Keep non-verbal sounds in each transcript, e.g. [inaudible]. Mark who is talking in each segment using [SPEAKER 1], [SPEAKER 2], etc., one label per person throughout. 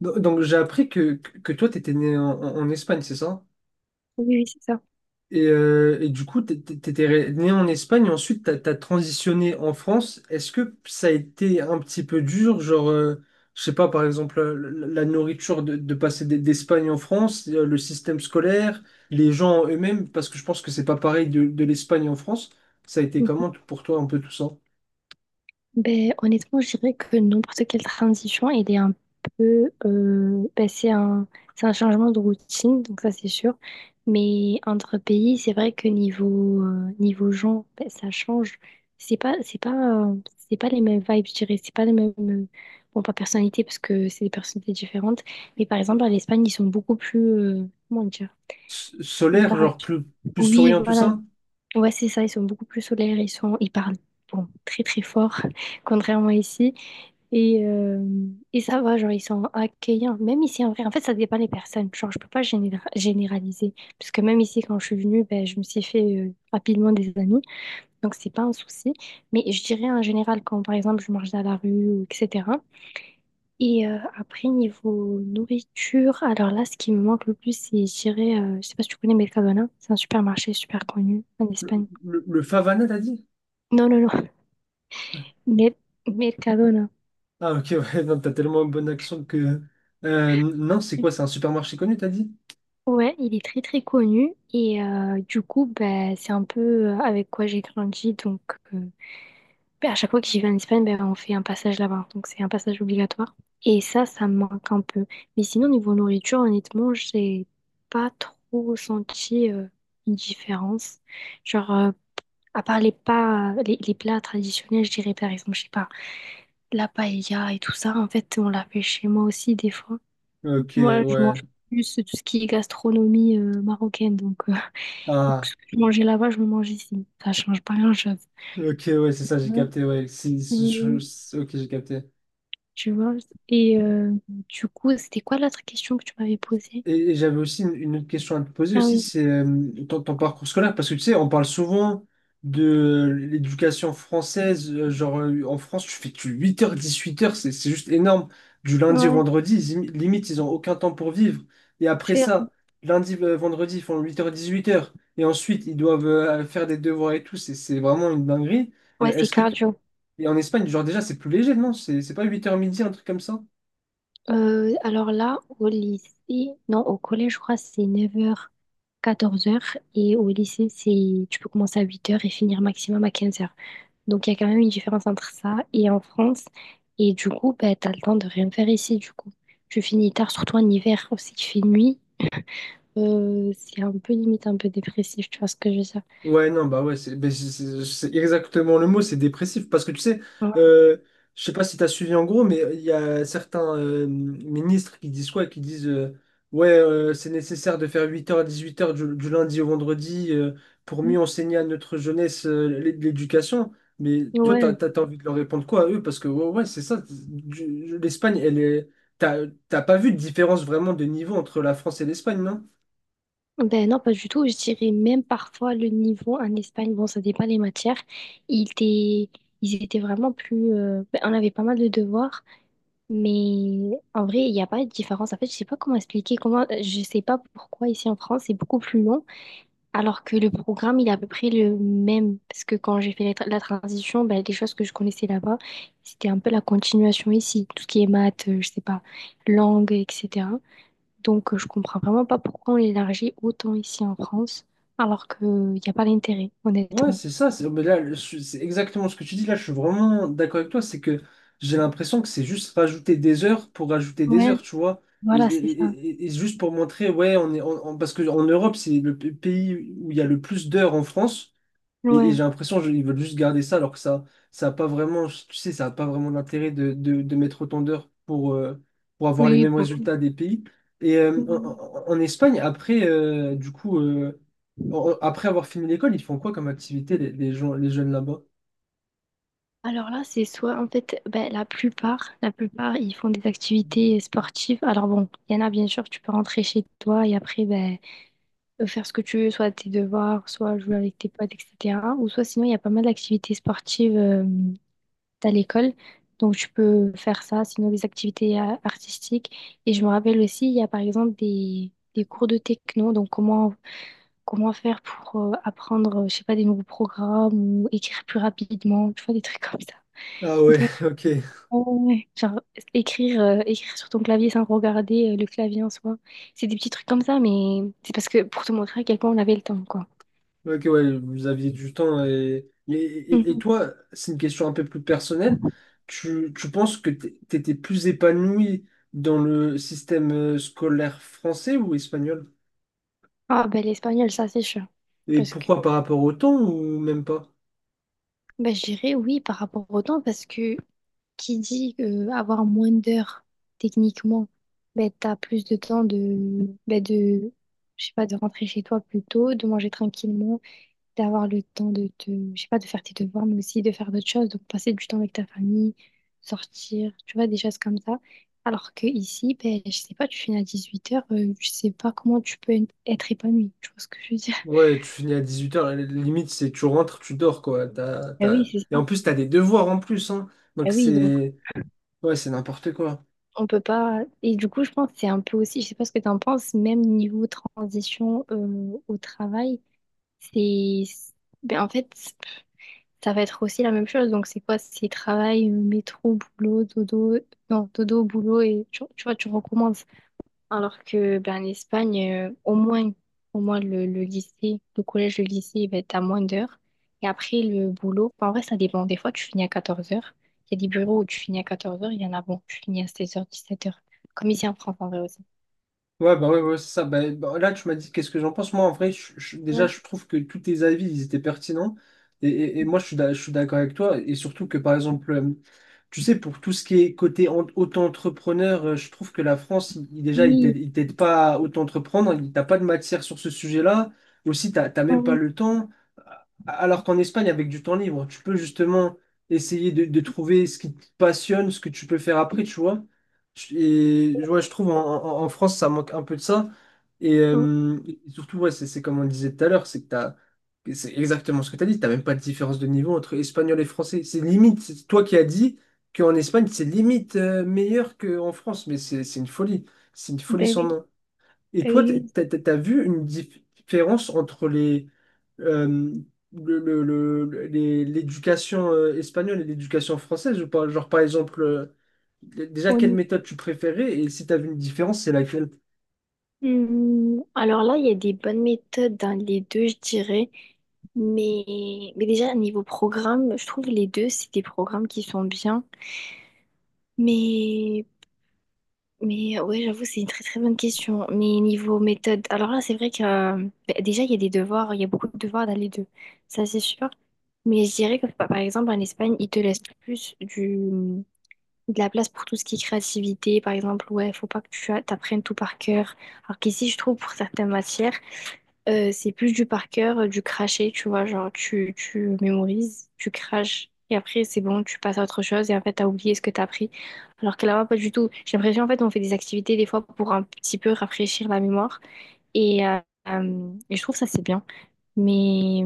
[SPEAKER 1] Donc j'ai appris que toi, t'étais né en Espagne, c'est ça?
[SPEAKER 2] Oui, oui, c'est ça.
[SPEAKER 1] Et du coup, t'é- t'é- t'étais étais né en Espagne, et ensuite t'as transitionné en France. Est-ce que ça a été un petit peu dur, genre, je sais pas, par exemple, la nourriture de passer d'Espagne en France, le système scolaire, les gens eux-mêmes, parce que je pense que c'est pas pareil de l'Espagne en France. Ça a été
[SPEAKER 2] Mhm.
[SPEAKER 1] comment pour toi un peu tout ça?
[SPEAKER 2] Ben, honnêtement, je dirais que n'importe quelle transition, elle est un peu, ben, c'est un changement de routine, donc ça c'est sûr. Mais entre pays, c'est vrai que niveau, niveau gens, ben, ça change. C'est pas, c'est pas, euh, c'est pas les mêmes vibes, je dirais. C'est pas les mêmes, bon, pas personnalité, parce que c'est des personnalités différentes. Mais par exemple, en Espagne, ils sont beaucoup plus, comment dire? Ils
[SPEAKER 1] Solaire,
[SPEAKER 2] parlent.
[SPEAKER 1] genre plus, plus
[SPEAKER 2] Oui,
[SPEAKER 1] souriant, tout
[SPEAKER 2] voilà.
[SPEAKER 1] ça?
[SPEAKER 2] Ouais, c'est ça, ils sont beaucoup plus solaires, ils sont, ils parlent bon, très très fort, [laughs] contrairement ici. Et, euh, et ça va, genre, ils sont accueillants. Même ici, en vrai, en fait, ça dépend des personnes. Genre, je peux pas généraliser. Parce que même ici, quand je suis venue, ben, je me suis fait rapidement des amis. Donc, c'est pas un souci. Mais je dirais en général, quand par exemple, je marche dans la rue, ou etc. Après, niveau nourriture, alors là, ce qui me manque le plus, c'est, je dirais, je sais pas si tu connais Mercadona, c'est un supermarché super connu en
[SPEAKER 1] Le,
[SPEAKER 2] Espagne.
[SPEAKER 1] le Favana, t'as dit?
[SPEAKER 2] Non, non, Mer- Mercadona.
[SPEAKER 1] Ah, ok, ouais, [laughs] non, t'as tellement un bon accent que. Non, c'est quoi? C'est un supermarché connu, t'as dit?
[SPEAKER 2] Ouais, il est très très connu et du coup, ben, c'est un peu, avec quoi j'ai grandi. Donc, euh, ben, à chaque fois que j'y vais en Espagne, ben, on fait un passage là-bas. Donc, c'est un passage obligatoire. Et ça me manque un peu. Mais sinon, niveau nourriture, honnêtement, j'ai pas trop senti une différence. Genre, à part les pas, les plats traditionnels, je dirais par exemple, je sais pas, la paella et tout ça. En fait, on l'a fait chez moi aussi des fois.
[SPEAKER 1] Ok,
[SPEAKER 2] Moi, je
[SPEAKER 1] ouais.
[SPEAKER 2] mange plus tout ce qui est gastronomie marocaine. Donc, [laughs] donc,
[SPEAKER 1] Ah,
[SPEAKER 2] ce que je mangeais là-bas, je le mange ici. Ça change pas grand-chose.
[SPEAKER 1] ok, ouais, c'est ça, j'ai
[SPEAKER 2] Ouais.
[SPEAKER 1] capté, ouais.
[SPEAKER 2] Euh,
[SPEAKER 1] Ok, j'ai capté.
[SPEAKER 2] Tu vois? Et du coup, c'était quoi l'autre question que tu m'avais posée?
[SPEAKER 1] Et j'avais aussi une autre question à te poser
[SPEAKER 2] Ah
[SPEAKER 1] aussi,
[SPEAKER 2] oui,
[SPEAKER 1] c'est ton parcours scolaire, parce que tu sais, on parle souvent de l'éducation française, en France, tu fais tu 8h, 18h, c'est juste énorme. Du lundi au
[SPEAKER 2] ouais,
[SPEAKER 1] vendredi, limite, ils n'ont aucun temps pour vivre. Et après
[SPEAKER 2] c'est,
[SPEAKER 1] ça, lundi, vendredi, ils font 8h, 18h. Et ensuite, ils doivent faire des devoirs et tout, c'est vraiment une dinguerie.
[SPEAKER 2] ouais,
[SPEAKER 1] Euh,
[SPEAKER 2] c'est
[SPEAKER 1] Est-ce que tu-
[SPEAKER 2] cardio.
[SPEAKER 1] Et en Espagne, genre déjà, c'est plus léger, non? C'est pas 8h midi, un truc comme ça?
[SPEAKER 2] Alors là, au lycée, non, au collège, je crois, c'est 9h 14h. Et au lycée, c'est tu peux commencer à 8h et finir maximum à 15h. Donc, il y a quand même une différence entre ça et en France. Et du coup, bah, tu as le temps de rien faire ici, du coup. Tu finis tard, surtout en hiver, aussi qu'il fait nuit. C'est un peu limite, un peu dépressif, tu vois ce que je veux dire.
[SPEAKER 1] Ouais, non, bah ouais, c'est exactement le mot, c'est dépressif. Parce que tu sais,
[SPEAKER 2] Ouais.
[SPEAKER 1] euh, je sais pas si tu as suivi en gros, mais il y a certains ministres qui disent quoi? Qui disent ouais, c'est nécessaire de faire huit heures à 18h du lundi au vendredi pour mieux enseigner à notre jeunesse l'éducation. Mais toi,
[SPEAKER 2] Ouais.
[SPEAKER 1] t'as envie de leur répondre quoi à eux? Parce que ouais, ouais, c'est ça. L'Espagne, elle est. T'as, t'as pas vu de différence vraiment de niveau entre la France et l'Espagne.
[SPEAKER 2] Ben non, pas du tout. Je dirais même parfois le niveau en Espagne, bon, ça dépend les matières. Ils étaient, ils étaient vraiment plus, ben, on avait pas mal de devoirs, mais en vrai, il n'y a pas de différence. En fait, je sais pas comment expliquer. Comment, je sais pas pourquoi ici en France, c'est beaucoup plus long. Alors que le programme, il est à peu près le même. Parce que quand j'ai fait la transition, ben, les choses que je connaissais là-bas, c'était un peu la continuation ici. Tout ce qui est maths, je sais pas, langue, etc. Donc, je comprends vraiment pas pourquoi on l'élargit autant ici en France, alors qu'il n'y a pas d'intérêt,
[SPEAKER 1] Ouais,
[SPEAKER 2] honnêtement.
[SPEAKER 1] c'est ça. C'est mais là, je- C'est exactement ce que tu dis. Là, je suis vraiment d'accord avec toi. C'est que j'ai l'impression que c'est juste rajouter des heures pour rajouter des
[SPEAKER 2] Ouais,
[SPEAKER 1] heures, tu vois. Et,
[SPEAKER 2] voilà,
[SPEAKER 1] et-
[SPEAKER 2] c'est ça.
[SPEAKER 1] et- et juste pour montrer, ouais, on est, on- parce qu'en Europe, c'est le pays où il y a le plus d'heures en France. Et j'ai
[SPEAKER 2] Ouais.
[SPEAKER 1] l'impression qu'ils veulent juste garder ça alors que ça a pas vraiment tu sais ça a pas vraiment d'intérêt de mettre autant d'heures pour avoir les
[SPEAKER 2] Oui, oui,
[SPEAKER 1] mêmes
[SPEAKER 2] pour.
[SPEAKER 1] résultats des pays. Et en Espagne après du coup après avoir fini l'école ils font quoi comme activité les gens les jeunes là-bas?
[SPEAKER 2] Alors là, c'est soit, en fait, ben, la plupart, ils font des activités sportives. Alors bon, il y en a, bien sûr, tu peux rentrer chez toi et après, ben, faire ce que tu veux, soit tes devoirs, soit jouer avec tes potes, etc. Ou soit sinon, il y a pas mal d'activités sportives à l'école. Donc, tu peux faire ça, sinon des activités artistiques. Et je me rappelle aussi, il y a par exemple des cours de techno. Donc, comment faire pour apprendre, je sais pas, des nouveaux programmes ou écrire plus rapidement, tu vois, des trucs comme ça.
[SPEAKER 1] Ah
[SPEAKER 2] [laughs]
[SPEAKER 1] ouais,
[SPEAKER 2] Donc,
[SPEAKER 1] [laughs] ok.
[SPEAKER 2] ouais, genre, écrire sur ton clavier sans regarder le clavier en soi. C'est des petits trucs comme ça, mais c'est parce que pour te montrer à quel point on avait le temps, quoi.
[SPEAKER 1] Ok, ouais, vous aviez du temps. Et
[SPEAKER 2] Mmh.
[SPEAKER 1] toi, c'est une question un peu plus personnelle. Tu penses que tu étais plus épanoui dans le système scolaire français ou espagnol?
[SPEAKER 2] Ah ben l'espagnol, ça c'est sûr.
[SPEAKER 1] Et
[SPEAKER 2] Parce que
[SPEAKER 1] pourquoi par rapport au temps ou même pas?
[SPEAKER 2] ben, je dirais oui par rapport au temps, parce que qui dit avoir moins d'heures techniquement, ben t'as plus de temps de ben, de je sais pas de rentrer chez toi plus tôt, de manger tranquillement, d'avoir le temps de te je sais pas de faire tes devoirs, mais aussi de faire d'autres choses, donc passer du temps avec ta famille, sortir, tu vois, des choses comme ça. Alors que ici, ben je sais pas, tu finis à 18h je sais pas comment tu peux être épanoui, tu vois ce que je veux dire.
[SPEAKER 1] Ouais, tu finis à 18h, limite, c'est tu rentres, tu dors, quoi.
[SPEAKER 2] Ah oui, c'est
[SPEAKER 1] Et
[SPEAKER 2] ça.
[SPEAKER 1] en plus, t'as des devoirs en plus, hein.
[SPEAKER 2] Ah
[SPEAKER 1] Donc
[SPEAKER 2] oui, donc.
[SPEAKER 1] c'est... Ouais, c'est n'importe quoi.
[SPEAKER 2] On peut pas. Et du coup, je pense que c'est un peu aussi, je sais pas ce que tu en penses, même niveau transition au travail, c'est, ben, en fait, ça va être aussi la même chose. Donc, c'est quoi? C'est travail, métro, boulot, dodo. Non, dodo, boulot, et tu vois, tu recommences. Alors que ben, en Espagne, au moins le lycée, le collège, le lycée, il va être à moins d'heures. Et après, le boulot, ben, en vrai, ça dépend. Des fois, tu finis à 14h. Il y a des bureaux où tu finis à 14h. Il y en a, bon, tu finis à 16h, 17h. Comme ici en France, en vrai aussi.
[SPEAKER 1] Ouais, bah ouais, ouais, c'est ça. Bah, bah, là, tu m'as dit qu'est-ce que j'en pense. Moi, en vrai, déjà,
[SPEAKER 2] Ouais.
[SPEAKER 1] je trouve que tous tes avis, ils étaient pertinents. Et moi, je suis d'accord avec toi. Et surtout que, par exemple, tu sais, pour tout ce qui est côté auto-entrepreneur, je trouve que la France, déjà,
[SPEAKER 2] Oui,
[SPEAKER 1] il t'aide pas à auto-entreprendre. T'as pas de matière sur ce sujet-là. Aussi, t'as même pas
[SPEAKER 2] oh,
[SPEAKER 1] le temps. Alors qu'en Espagne, avec du temps libre, tu peux justement essayer de trouver ce qui te passionne, ce que tu peux faire après, tu vois. Et, ouais, je trouve en France, ça manque un peu de ça.
[SPEAKER 2] oh,
[SPEAKER 1] Et surtout, ouais, c'est comme on le disait tout à l'heure, c'est que et c'est exactement ce que tu as dit, tu même pas de différence de niveau entre espagnol et français. C'est limite, c'est toi qui as dit qu'en Espagne, c'est limite meilleur qu'en France, mais c'est une folie. C'est une folie
[SPEAKER 2] ben
[SPEAKER 1] sans
[SPEAKER 2] oui,
[SPEAKER 1] nom. Et
[SPEAKER 2] ben
[SPEAKER 1] toi,
[SPEAKER 2] oui.
[SPEAKER 1] tu as vu une différence entre les, euh, le- les- l'éducation espagnole et l'éducation française ou pas? Genre, par exemple, déjà,
[SPEAKER 2] on
[SPEAKER 1] quelle
[SPEAKER 2] y-
[SPEAKER 1] méthode tu préférais et si tu as vu une différence, c'est laquelle?
[SPEAKER 2] Alors là, il y a des bonnes méthodes dans les deux, je dirais. Mais, mais déjà, niveau programme, je trouve les deux, c'est des programmes qui sont bien. Mais Mais, ouais, j'avoue, c'est une très très bonne question. Mais niveau méthode, alors là, c'est vrai que bah, déjà, il y a des devoirs, il y a beaucoup de devoirs dans les deux. Ça, c'est sûr. Mais je dirais que par exemple, en Espagne, ils te laissent plus de la place pour tout ce qui est créativité. Par exemple, ouais, faut pas que t'apprennes tout par cœur. Alors qu'ici, je trouve pour certaines matières, c'est plus du par cœur, du cracher, tu vois, genre tu mémorises, tu craches, et après c'est bon, tu passes à autre chose, et en fait t'as oublié ce que t'as appris. Alors que là-bas, pas du tout. J'ai l'impression, en fait, on fait des activités des fois pour un petit peu rafraîchir la mémoire, et, euh, et je trouve ça c'est bien. Mais,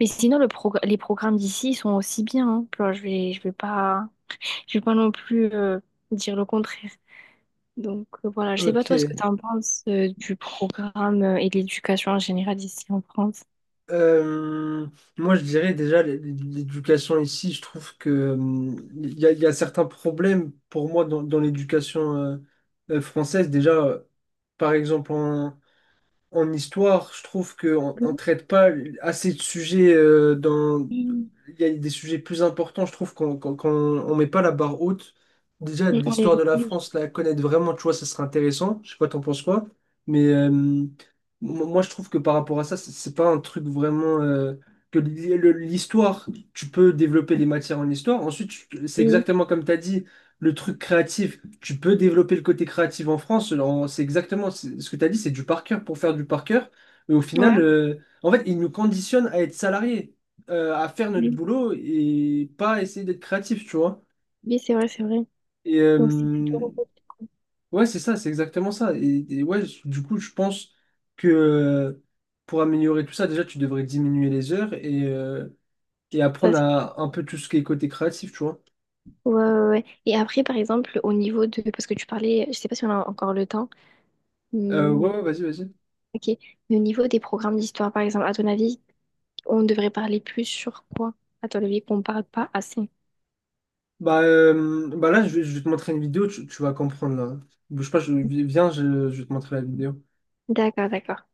[SPEAKER 2] mais sinon, les programmes d'ici ils sont aussi bien, hein. Genre, je vais pas non plus dire le contraire. Donc, voilà, je sais pas toi ce
[SPEAKER 1] Ok.
[SPEAKER 2] que tu en penses du programme et de l'éducation en général ici en France.
[SPEAKER 1] Euh, Moi, je dirais déjà, l'éducation ici, je trouve que il y a certains problèmes pour moi dans l'éducation française. Déjà, par exemple, en histoire, je trouve qu'on ne
[SPEAKER 2] Oui,
[SPEAKER 1] traite pas assez de sujets dans...
[SPEAKER 2] oui,
[SPEAKER 1] Il y a des sujets plus importants, je trouve on met pas la barre haute. Déjà, de
[SPEAKER 2] on les
[SPEAKER 1] l'histoire de la
[SPEAKER 2] oblige.
[SPEAKER 1] France, la connaître vraiment, tu vois, ça serait intéressant. Je sais pas, t'en penses quoi. Mais moi, je trouve que par rapport à ça, c'est pas un truc vraiment... l'histoire, tu peux développer les matières en histoire. Ensuite, c'est
[SPEAKER 2] Oui,
[SPEAKER 1] exactement comme tu as dit, le truc créatif tu peux développer le côté créatif en France. C'est exactement ce que tu as dit, c'est du par cœur pour faire du par cœur. Mais au final,
[SPEAKER 2] ouais,
[SPEAKER 1] en fait, ils nous conditionnent à être salariés, à faire notre
[SPEAKER 2] oui,
[SPEAKER 1] boulot et pas essayer d'être créatif, tu vois.
[SPEAKER 2] oui, c'est vrai, c'est vrai.
[SPEAKER 1] Et
[SPEAKER 2] Donc c'est plutôt
[SPEAKER 1] ouais, c'est ça, c'est exactement ça. Ouais, du coup, je pense que pour améliorer tout ça, déjà, tu devrais diminuer les heures et
[SPEAKER 2] ça.
[SPEAKER 1] apprendre à un peu tout ce qui est côté créatif, tu vois.
[SPEAKER 2] Ouais, ouais, ouais. Ouais. Et après, par exemple, au niveau de, parce que tu parlais, je sais pas si on a encore le temps.
[SPEAKER 1] Ouais,
[SPEAKER 2] Hmm,
[SPEAKER 1] ouais, vas-y, vas-y.
[SPEAKER 2] ok. Mais au niveau des programmes d'histoire, par exemple, à ton avis, on devrait parler plus sur quoi? À ton avis, qu'on parle pas assez.
[SPEAKER 1] Bah, là, je vais te montrer une vidéo, tu vas comprendre là. Bouge pas, viens, je vais te montrer la vidéo.
[SPEAKER 2] D'accord, d'accord.